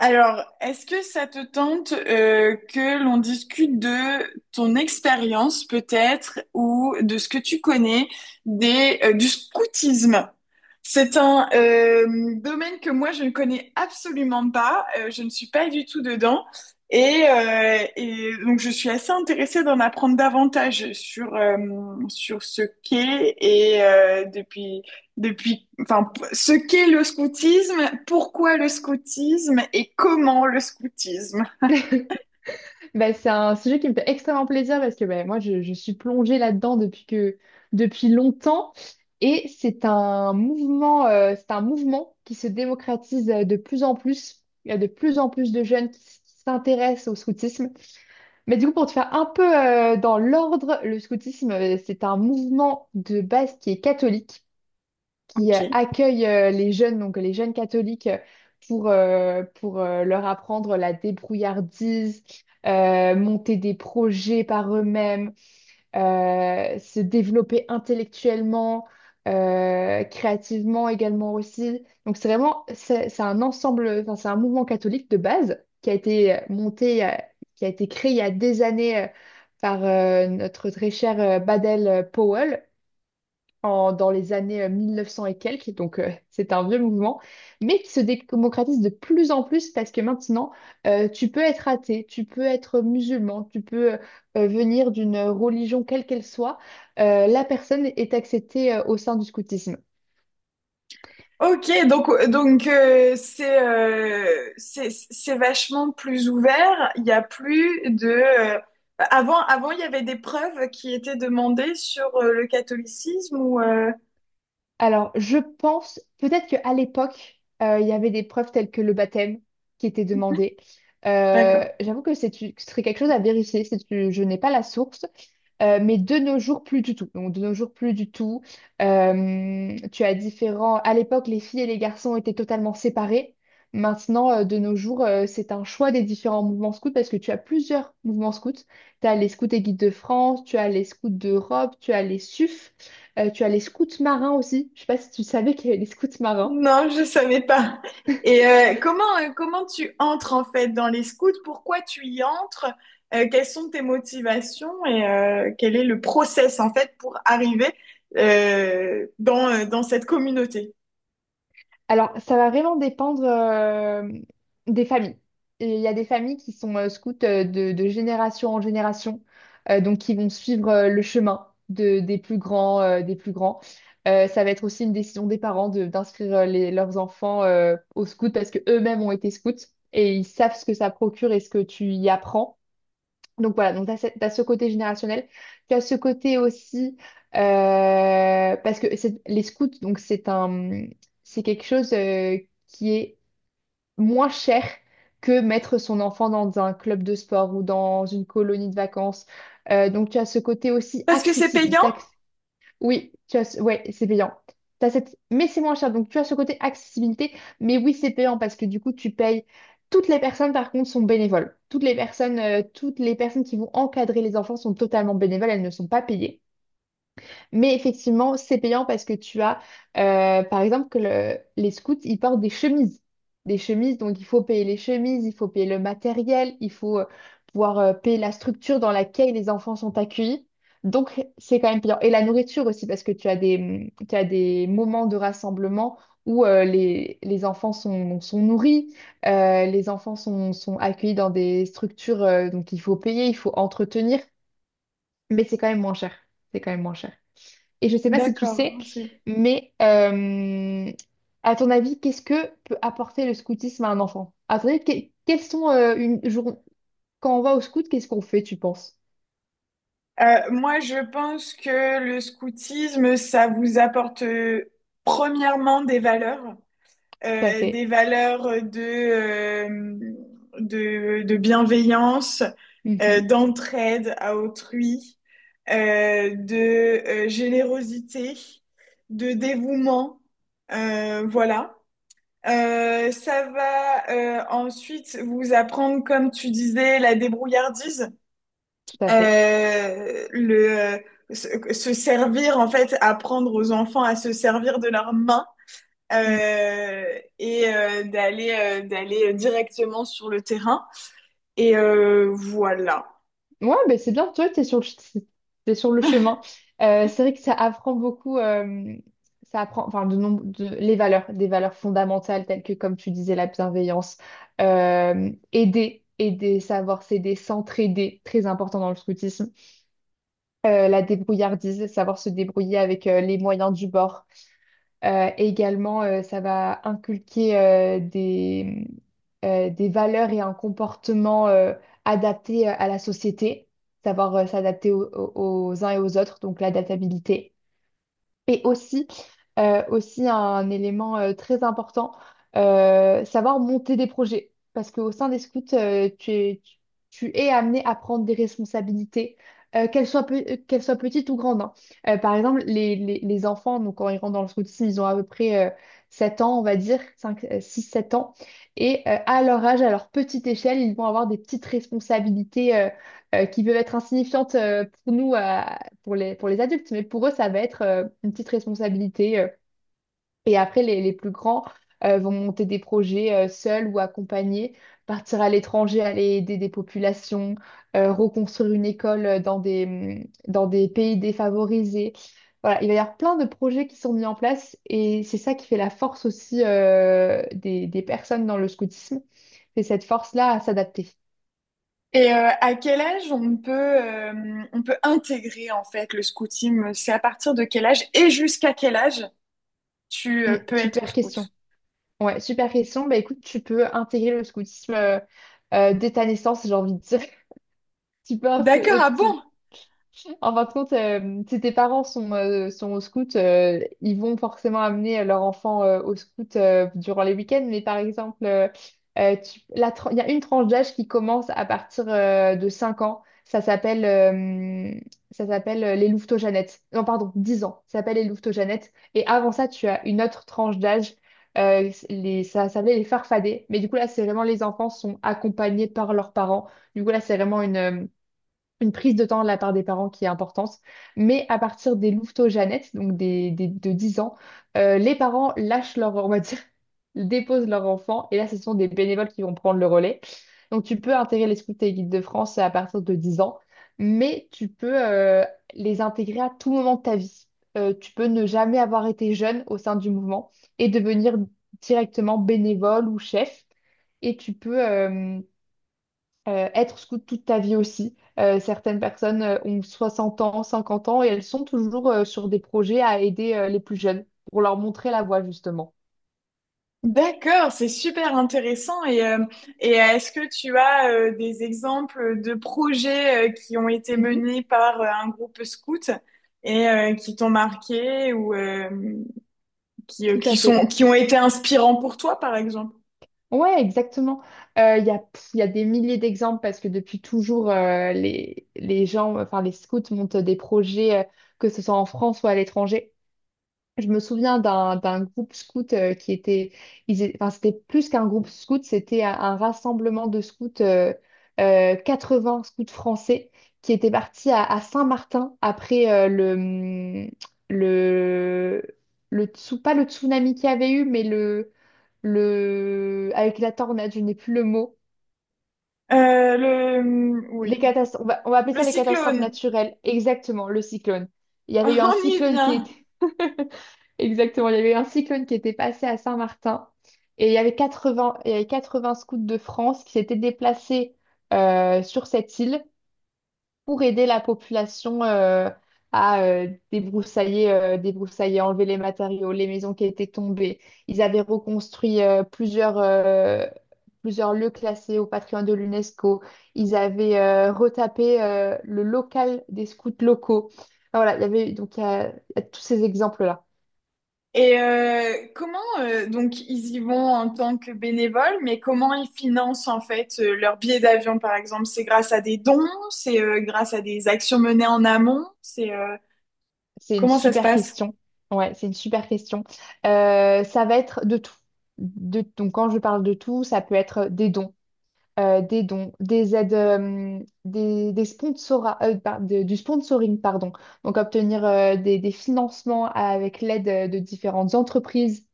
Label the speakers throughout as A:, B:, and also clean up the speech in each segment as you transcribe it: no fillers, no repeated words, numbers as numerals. A: Alors, est-ce que ça te tente que l'on discute de ton expérience peut-être ou de ce que tu connais des, du scoutisme? C'est un domaine que moi je ne connais absolument pas, je ne suis pas du tout dedans et donc je suis assez intéressée d'en apprendre davantage sur, sur ce qu'est et depuis, ce qu'est le scoutisme, pourquoi le scoutisme et comment le scoutisme.
B: Bah, c'est un sujet qui me fait extrêmement plaisir parce que bah, moi, je suis plongée là-dedans depuis longtemps. Et c'est un mouvement, c'est un mouvement qui se démocratise de plus en plus. Il y a de plus en plus de jeunes qui s'intéressent au scoutisme. Mais du coup, pour te faire un peu dans l'ordre, le scoutisme, c'est un mouvement de base qui est catholique qui
A: Ok.
B: accueille les jeunes, donc les jeunes catholiques, pour leur apprendre la débrouillardise, monter des projets par eux-mêmes, se développer intellectuellement, créativement également aussi. Donc c'est vraiment, c'est un ensemble, enfin, c'est un mouvement catholique de base qui a été monté, qui a été créé il y a des années par notre très cher Baden Powell dans les années 1900 et quelques, donc c'est un vieux mouvement, mais qui se démocratise de plus en plus parce que maintenant, tu peux être athée, tu peux être musulman, tu peux venir d'une religion quelle qu'elle soit, la personne est acceptée au sein du scoutisme.
A: Ok, donc, c'est, c'est vachement plus ouvert. Il y a plus de avant il y avait des preuves qui étaient demandées sur le catholicisme ou
B: Alors, je pense peut-être qu'à l'époque, il y avait des preuves telles que le baptême qui était demandé. Euh,
A: d'accord.
B: j'avoue que ce serait quelque chose à vérifier, je n'ai pas la source. Mais de nos jours, plus du tout. Donc, de nos jours, plus du tout. Tu as différents... À l'époque, les filles et les garçons étaient totalement séparés. Maintenant, de nos jours, c'est un choix des différents mouvements scouts parce que tu as plusieurs mouvements scouts. Tu as les scouts et guides de France, tu as les scouts d'Europe, tu as les SUF, tu as les scouts marins aussi. Je sais pas si tu savais qu'il y avait les scouts marins.
A: Non, je savais pas. Et comment, comment tu entres en fait dans les scouts? Pourquoi tu y entres? Quelles sont tes motivations et quel est le process en fait pour arriver dans, dans cette communauté?
B: Alors, ça va vraiment dépendre des familles. Et il y a des familles qui sont scouts de génération en génération, donc qui vont suivre le chemin des plus grands. Ça va être aussi une décision des parents d'inscrire leurs enfants au scout parce que eux-mêmes ont été scouts et ils savent ce que ça procure et ce que tu y apprends. Donc voilà, donc tu as, ce côté générationnel. Tu as ce côté aussi, parce que les scouts, donc c'est quelque chose qui est moins cher que mettre son enfant dans un club de sport ou dans une colonie de vacances. Donc tu as ce côté aussi
A: Parce que c'est
B: accessible,
A: payant?
B: oui, ouais, c'est payant. T'as cette... Mais c'est moins cher, donc tu as ce côté accessibilité. Mais oui, c'est payant parce que du coup, tu payes. Toutes les personnes, par contre, sont bénévoles. Toutes les personnes qui vont encadrer les enfants sont totalement bénévoles, elles ne sont pas payées. Mais effectivement, c'est payant parce que tu as, par exemple, que les scouts, ils portent des chemises. Des chemises, donc il faut payer les chemises, il faut payer le matériel, il faut pouvoir payer la structure dans laquelle les enfants sont accueillis. Donc, c'est quand même payant. Et la nourriture aussi, parce que tu as des moments de rassemblement où les enfants sont nourris, les enfants sont accueillis dans des structures, donc il faut payer, il faut entretenir, mais c'est quand même moins cher. C'est quand même moins cher. Et je ne sais pas si tu
A: D'accord.
B: sais,
A: C'est-
B: mais à ton avis, qu'est-ce que peut apporter le scoutisme à un enfant? À ton avis, quels sont une jour quand on va au scout, qu'est-ce qu'on fait, tu penses?
A: Moi, je pense que le scoutisme, ça vous apporte premièrement des valeurs.
B: Tout à
A: Des
B: fait.
A: valeurs de bienveillance,
B: Mhm.
A: d'entraide à autrui, de générosité, de dévouement. Voilà. Ça va ensuite vous apprendre, comme tu disais, la débrouillardise,
B: Tout à fait.
A: le, se, se servir, en fait, apprendre aux enfants à se servir de leurs mains
B: Mm.
A: d'aller d'aller directement sur le terrain. Et voilà.
B: Ouais, ben c'est bien, toi, t'es sur le chemin. C'est vrai que ça apprend beaucoup, ça apprend, enfin, de, nombre- de, les valeurs, des valeurs fondamentales telles que, comme tu disais, la bienveillance, aider, savoir s'aider, s'entraider, très important dans le scoutisme. La débrouillardise, savoir se débrouiller avec les moyens du bord. Et également, ça va inculquer des valeurs et un comportement adapté à la société, savoir s'adapter aux uns et aux autres, donc l'adaptabilité. Et aussi, aussi un élément très important, savoir monter des projets. Parce qu'au sein des scouts, tu es amené à prendre des responsabilités, qu'elles soient petites ou grandes, hein. Par exemple, les enfants, donc, quand ils rentrent dans le scoutisme, ils ont à peu près 7 ans, on va dire, 5, 6, 7 ans. Et à leur âge, à leur petite échelle, ils vont avoir des petites responsabilités qui peuvent être insignifiantes pour nous, pour les adultes, mais pour eux, ça va être une petite responsabilité. Et après, les plus grands vont monter des projets seuls ou accompagnés, partir à l'étranger, aller aider des populations, reconstruire une école dans des pays défavorisés. Voilà, il va y avoir plein de projets qui sont mis en place et c'est ça qui fait la force aussi des personnes dans le scoutisme, c'est cette force-là à s'adapter.
A: Et à quel âge on peut intégrer en fait le scoutisme? C'est à partir de quel âge et jusqu'à quel âge tu peux être
B: Super question.
A: scout?
B: Ouais, super question. Bah écoute, tu peux intégrer le scoutisme dès ta naissance, j'ai envie de dire. Tu penses,
A: D'accord, ah
B: tu...
A: bon?
B: En fin de compte, si tes parents sont, sont au scout, ils vont forcément amener leur enfant au scout durant les week-ends. Mais par exemple, il y a une tranche d'âge qui commence à partir de 5 ans. Ça s'appelle les louveteaux-jeannettes. Non, pardon, 10 ans. Ça s'appelle les louveteaux-jeannettes. Et avant ça, tu as une autre tranche d'âge. Ça s'appelait les farfadets. Mais du coup, là, c'est vraiment les enfants sont accompagnés par leurs parents. Du coup, là, c'est vraiment une prise de temps de la part des parents qui est importante. Mais à partir des louveteaux-jeunettes, donc de 10 ans, les parents lâchent leur, on va dire, déposent leur enfant. Et là, ce sont des bénévoles qui vont prendre le relais. Donc, tu peux intégrer les scouts et les guides de France à partir de 10 ans, mais tu peux les intégrer à tout moment de ta vie. Tu peux ne jamais avoir été jeune au sein du mouvement et devenir directement bénévole ou chef. Et tu peux, être scout toute ta vie aussi. Certaines personnes ont 60 ans, 50 ans et elles sont toujours sur des projets à aider les plus jeunes pour leur montrer la voie justement.
A: D'accord, c'est super intéressant. Et est-ce que tu as des exemples de projets qui ont été
B: Mhm,
A: menés par un groupe scout et qui t'ont marqué ou
B: tout
A: qui,
B: à fait.
A: sont, qui ont été inspirants pour toi, par exemple.
B: Ouais, exactement. Il y a des milliers d'exemples parce que depuis toujours, les gens, enfin les scouts montent des projets, que ce soit en France ou à l'étranger. Je me souviens d'un groupe scout qui était, enfin, c'était plus qu'un groupe scout, c'était un rassemblement de scouts, 80 scouts français qui étaient partis à Saint-Martin après le, pas le tsunami qu'il y avait eu, mais avec la tornade, je n'ai plus le mot.
A: Oui.
B: On va, appeler
A: Le
B: ça les catastrophes
A: cyclone,
B: naturelles, exactement, le cyclone. Il y avait eu un
A: on y
B: cyclone qui
A: vient.
B: était... Exactement, il y avait un cyclone qui était passé à Saint-Martin et il y avait 80 scouts de France qui s'étaient déplacés sur cette île pour aider la population à débroussailler, enlever les matériaux, les maisons qui étaient tombées. Ils avaient reconstruit plusieurs lieux classés au patrimoine de l'UNESCO. Ils avaient retapé le local des scouts locaux. Enfin, voilà, il y avait donc il y a tous ces exemples-là.
A: Et comment, donc, ils y vont en tant que bénévoles, mais comment ils financent, en fait, leur billet d'avion, par exemple? C'est grâce à des dons? C'est grâce à des actions menées en amont? C'est
B: C'est une
A: comment ça se
B: super
A: passe?
B: question. Ouais, c'est une super question. Ça va être de tout. Donc, quand je parle de tout, ça peut être des dons, des aides, des sponsora- par- de- du sponsoring, pardon. Donc, obtenir des financements avec l'aide de différentes entreprises.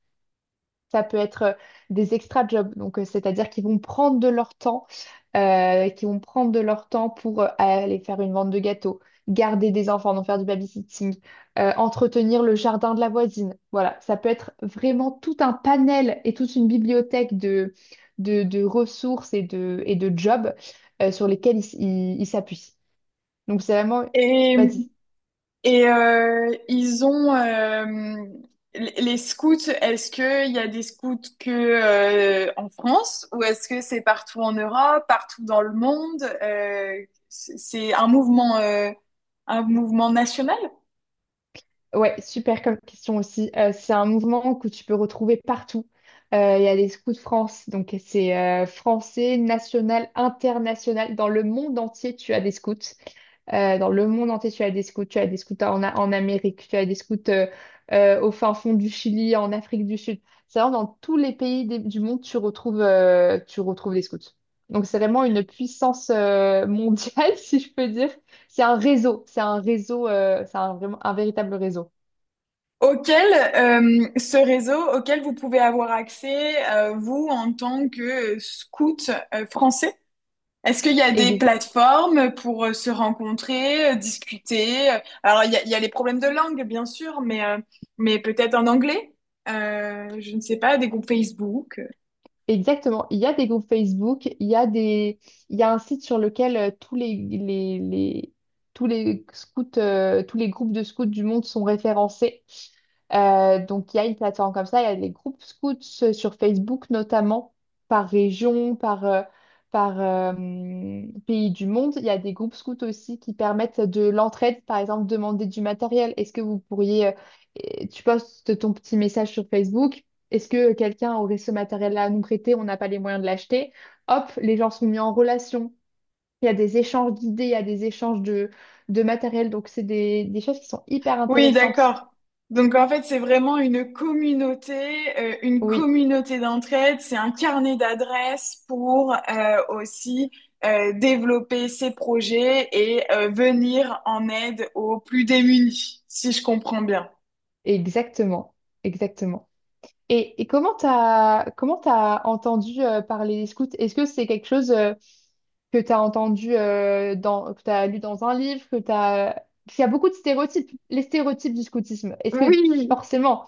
B: Ça peut être des extra jobs, donc c'est-à-dire qu'ils vont prendre de leur temps, pour aller faire une vente de gâteaux, garder des enfants, donc faire du babysitting, entretenir le jardin de la voisine. Voilà, ça peut être vraiment tout un panel et toute une bibliothèque de ressources et de jobs sur lesquels ils s'appuient. Donc c'est vraiment...
A: Et
B: Vas-y.
A: Et ils ont les scouts. Est-ce que il y a des scouts que en France ou est-ce que c'est partout en Europe, partout dans le monde? C'est un mouvement national
B: Ouais, super comme question aussi. C'est un mouvement que tu peux retrouver partout. Il y a les Scouts de France, donc c'est français, national, international. Dans le monde entier, tu as des scouts. Dans le monde entier, tu as des scouts. Tu as des scouts en Amérique, tu as des scouts au fin fond du Chili, en Afrique du Sud. C'est vraiment dans tous les pays du monde, tu retrouves des scouts. Donc c'est vraiment une puissance mondiale, si je peux dire. C'est un réseau, c'est un réseau, c'est un, vraiment un véritable réseau.
A: auquel ce réseau auquel vous pouvez avoir accès vous en tant que scout français. Est-ce qu'il y a des
B: Ex-
A: plateformes pour se rencontrer, discuter? Euh, alors, il y a les problèmes de langue, bien sûr, mais peut-être en anglais? Je ne sais pas, des groupes Facebook.
B: Exactement. Il y a des groupes Facebook, il y a un site sur lequel tous tous les scouts, tous les groupes de scouts du monde sont référencés. Donc il y a une plateforme comme ça, il y a des groupes scouts sur Facebook notamment par région, par pays du monde. Il y a des groupes scouts aussi qui permettent de l'entraide, par exemple demander du matériel. Est-ce que vous pourriez, tu postes ton petit message sur Facebook. Est-ce que quelqu'un aurait ce matériel-là à nous prêter? On n'a pas les moyens de l'acheter. Hop, les gens sont mis en relation. Il y a des échanges d'idées, il y a des échanges de matériel. Donc, c'est des choses qui sont hyper
A: Oui,
B: intéressantes.
A: d'accord. Donc, en fait, c'est vraiment une
B: Oui,
A: communauté d'entraide. C'est un carnet d'adresses pour aussi développer ses projets et venir en aide aux plus démunis, si je comprends bien.
B: exactement. Exactement. Et comment t'as entendu parler des scouts? Est-ce que c'est quelque chose que t'as entendu que t'as lu dans un livre, que t'as... Parce qu'il y a beaucoup de stéréotypes. Les stéréotypes du scoutisme. Est-ce que
A: Oui,
B: forcément...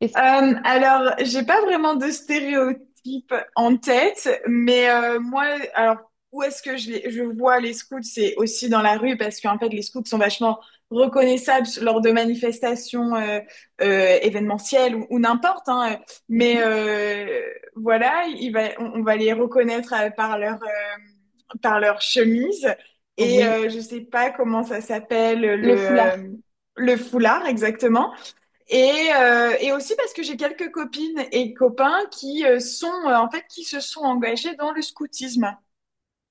B: est-ce-
A: Alors, j'ai pas vraiment de stéréotype en tête, mais moi, alors où est-ce que je, je vois les scouts, c'est aussi dans la rue parce qu'en fait, les scouts sont vachement reconnaissables lors de manifestations événementielles ou n'importe, hein. Mais
B: Mhm.
A: voilà, il va, on va les reconnaître par leur chemise et
B: Oui.
A: je sais pas comment ça s'appelle
B: Le foulard.
A: le foulard exactement. Et aussi parce que j'ai quelques copines et copains qui sont en fait qui se sont engagés dans le scoutisme.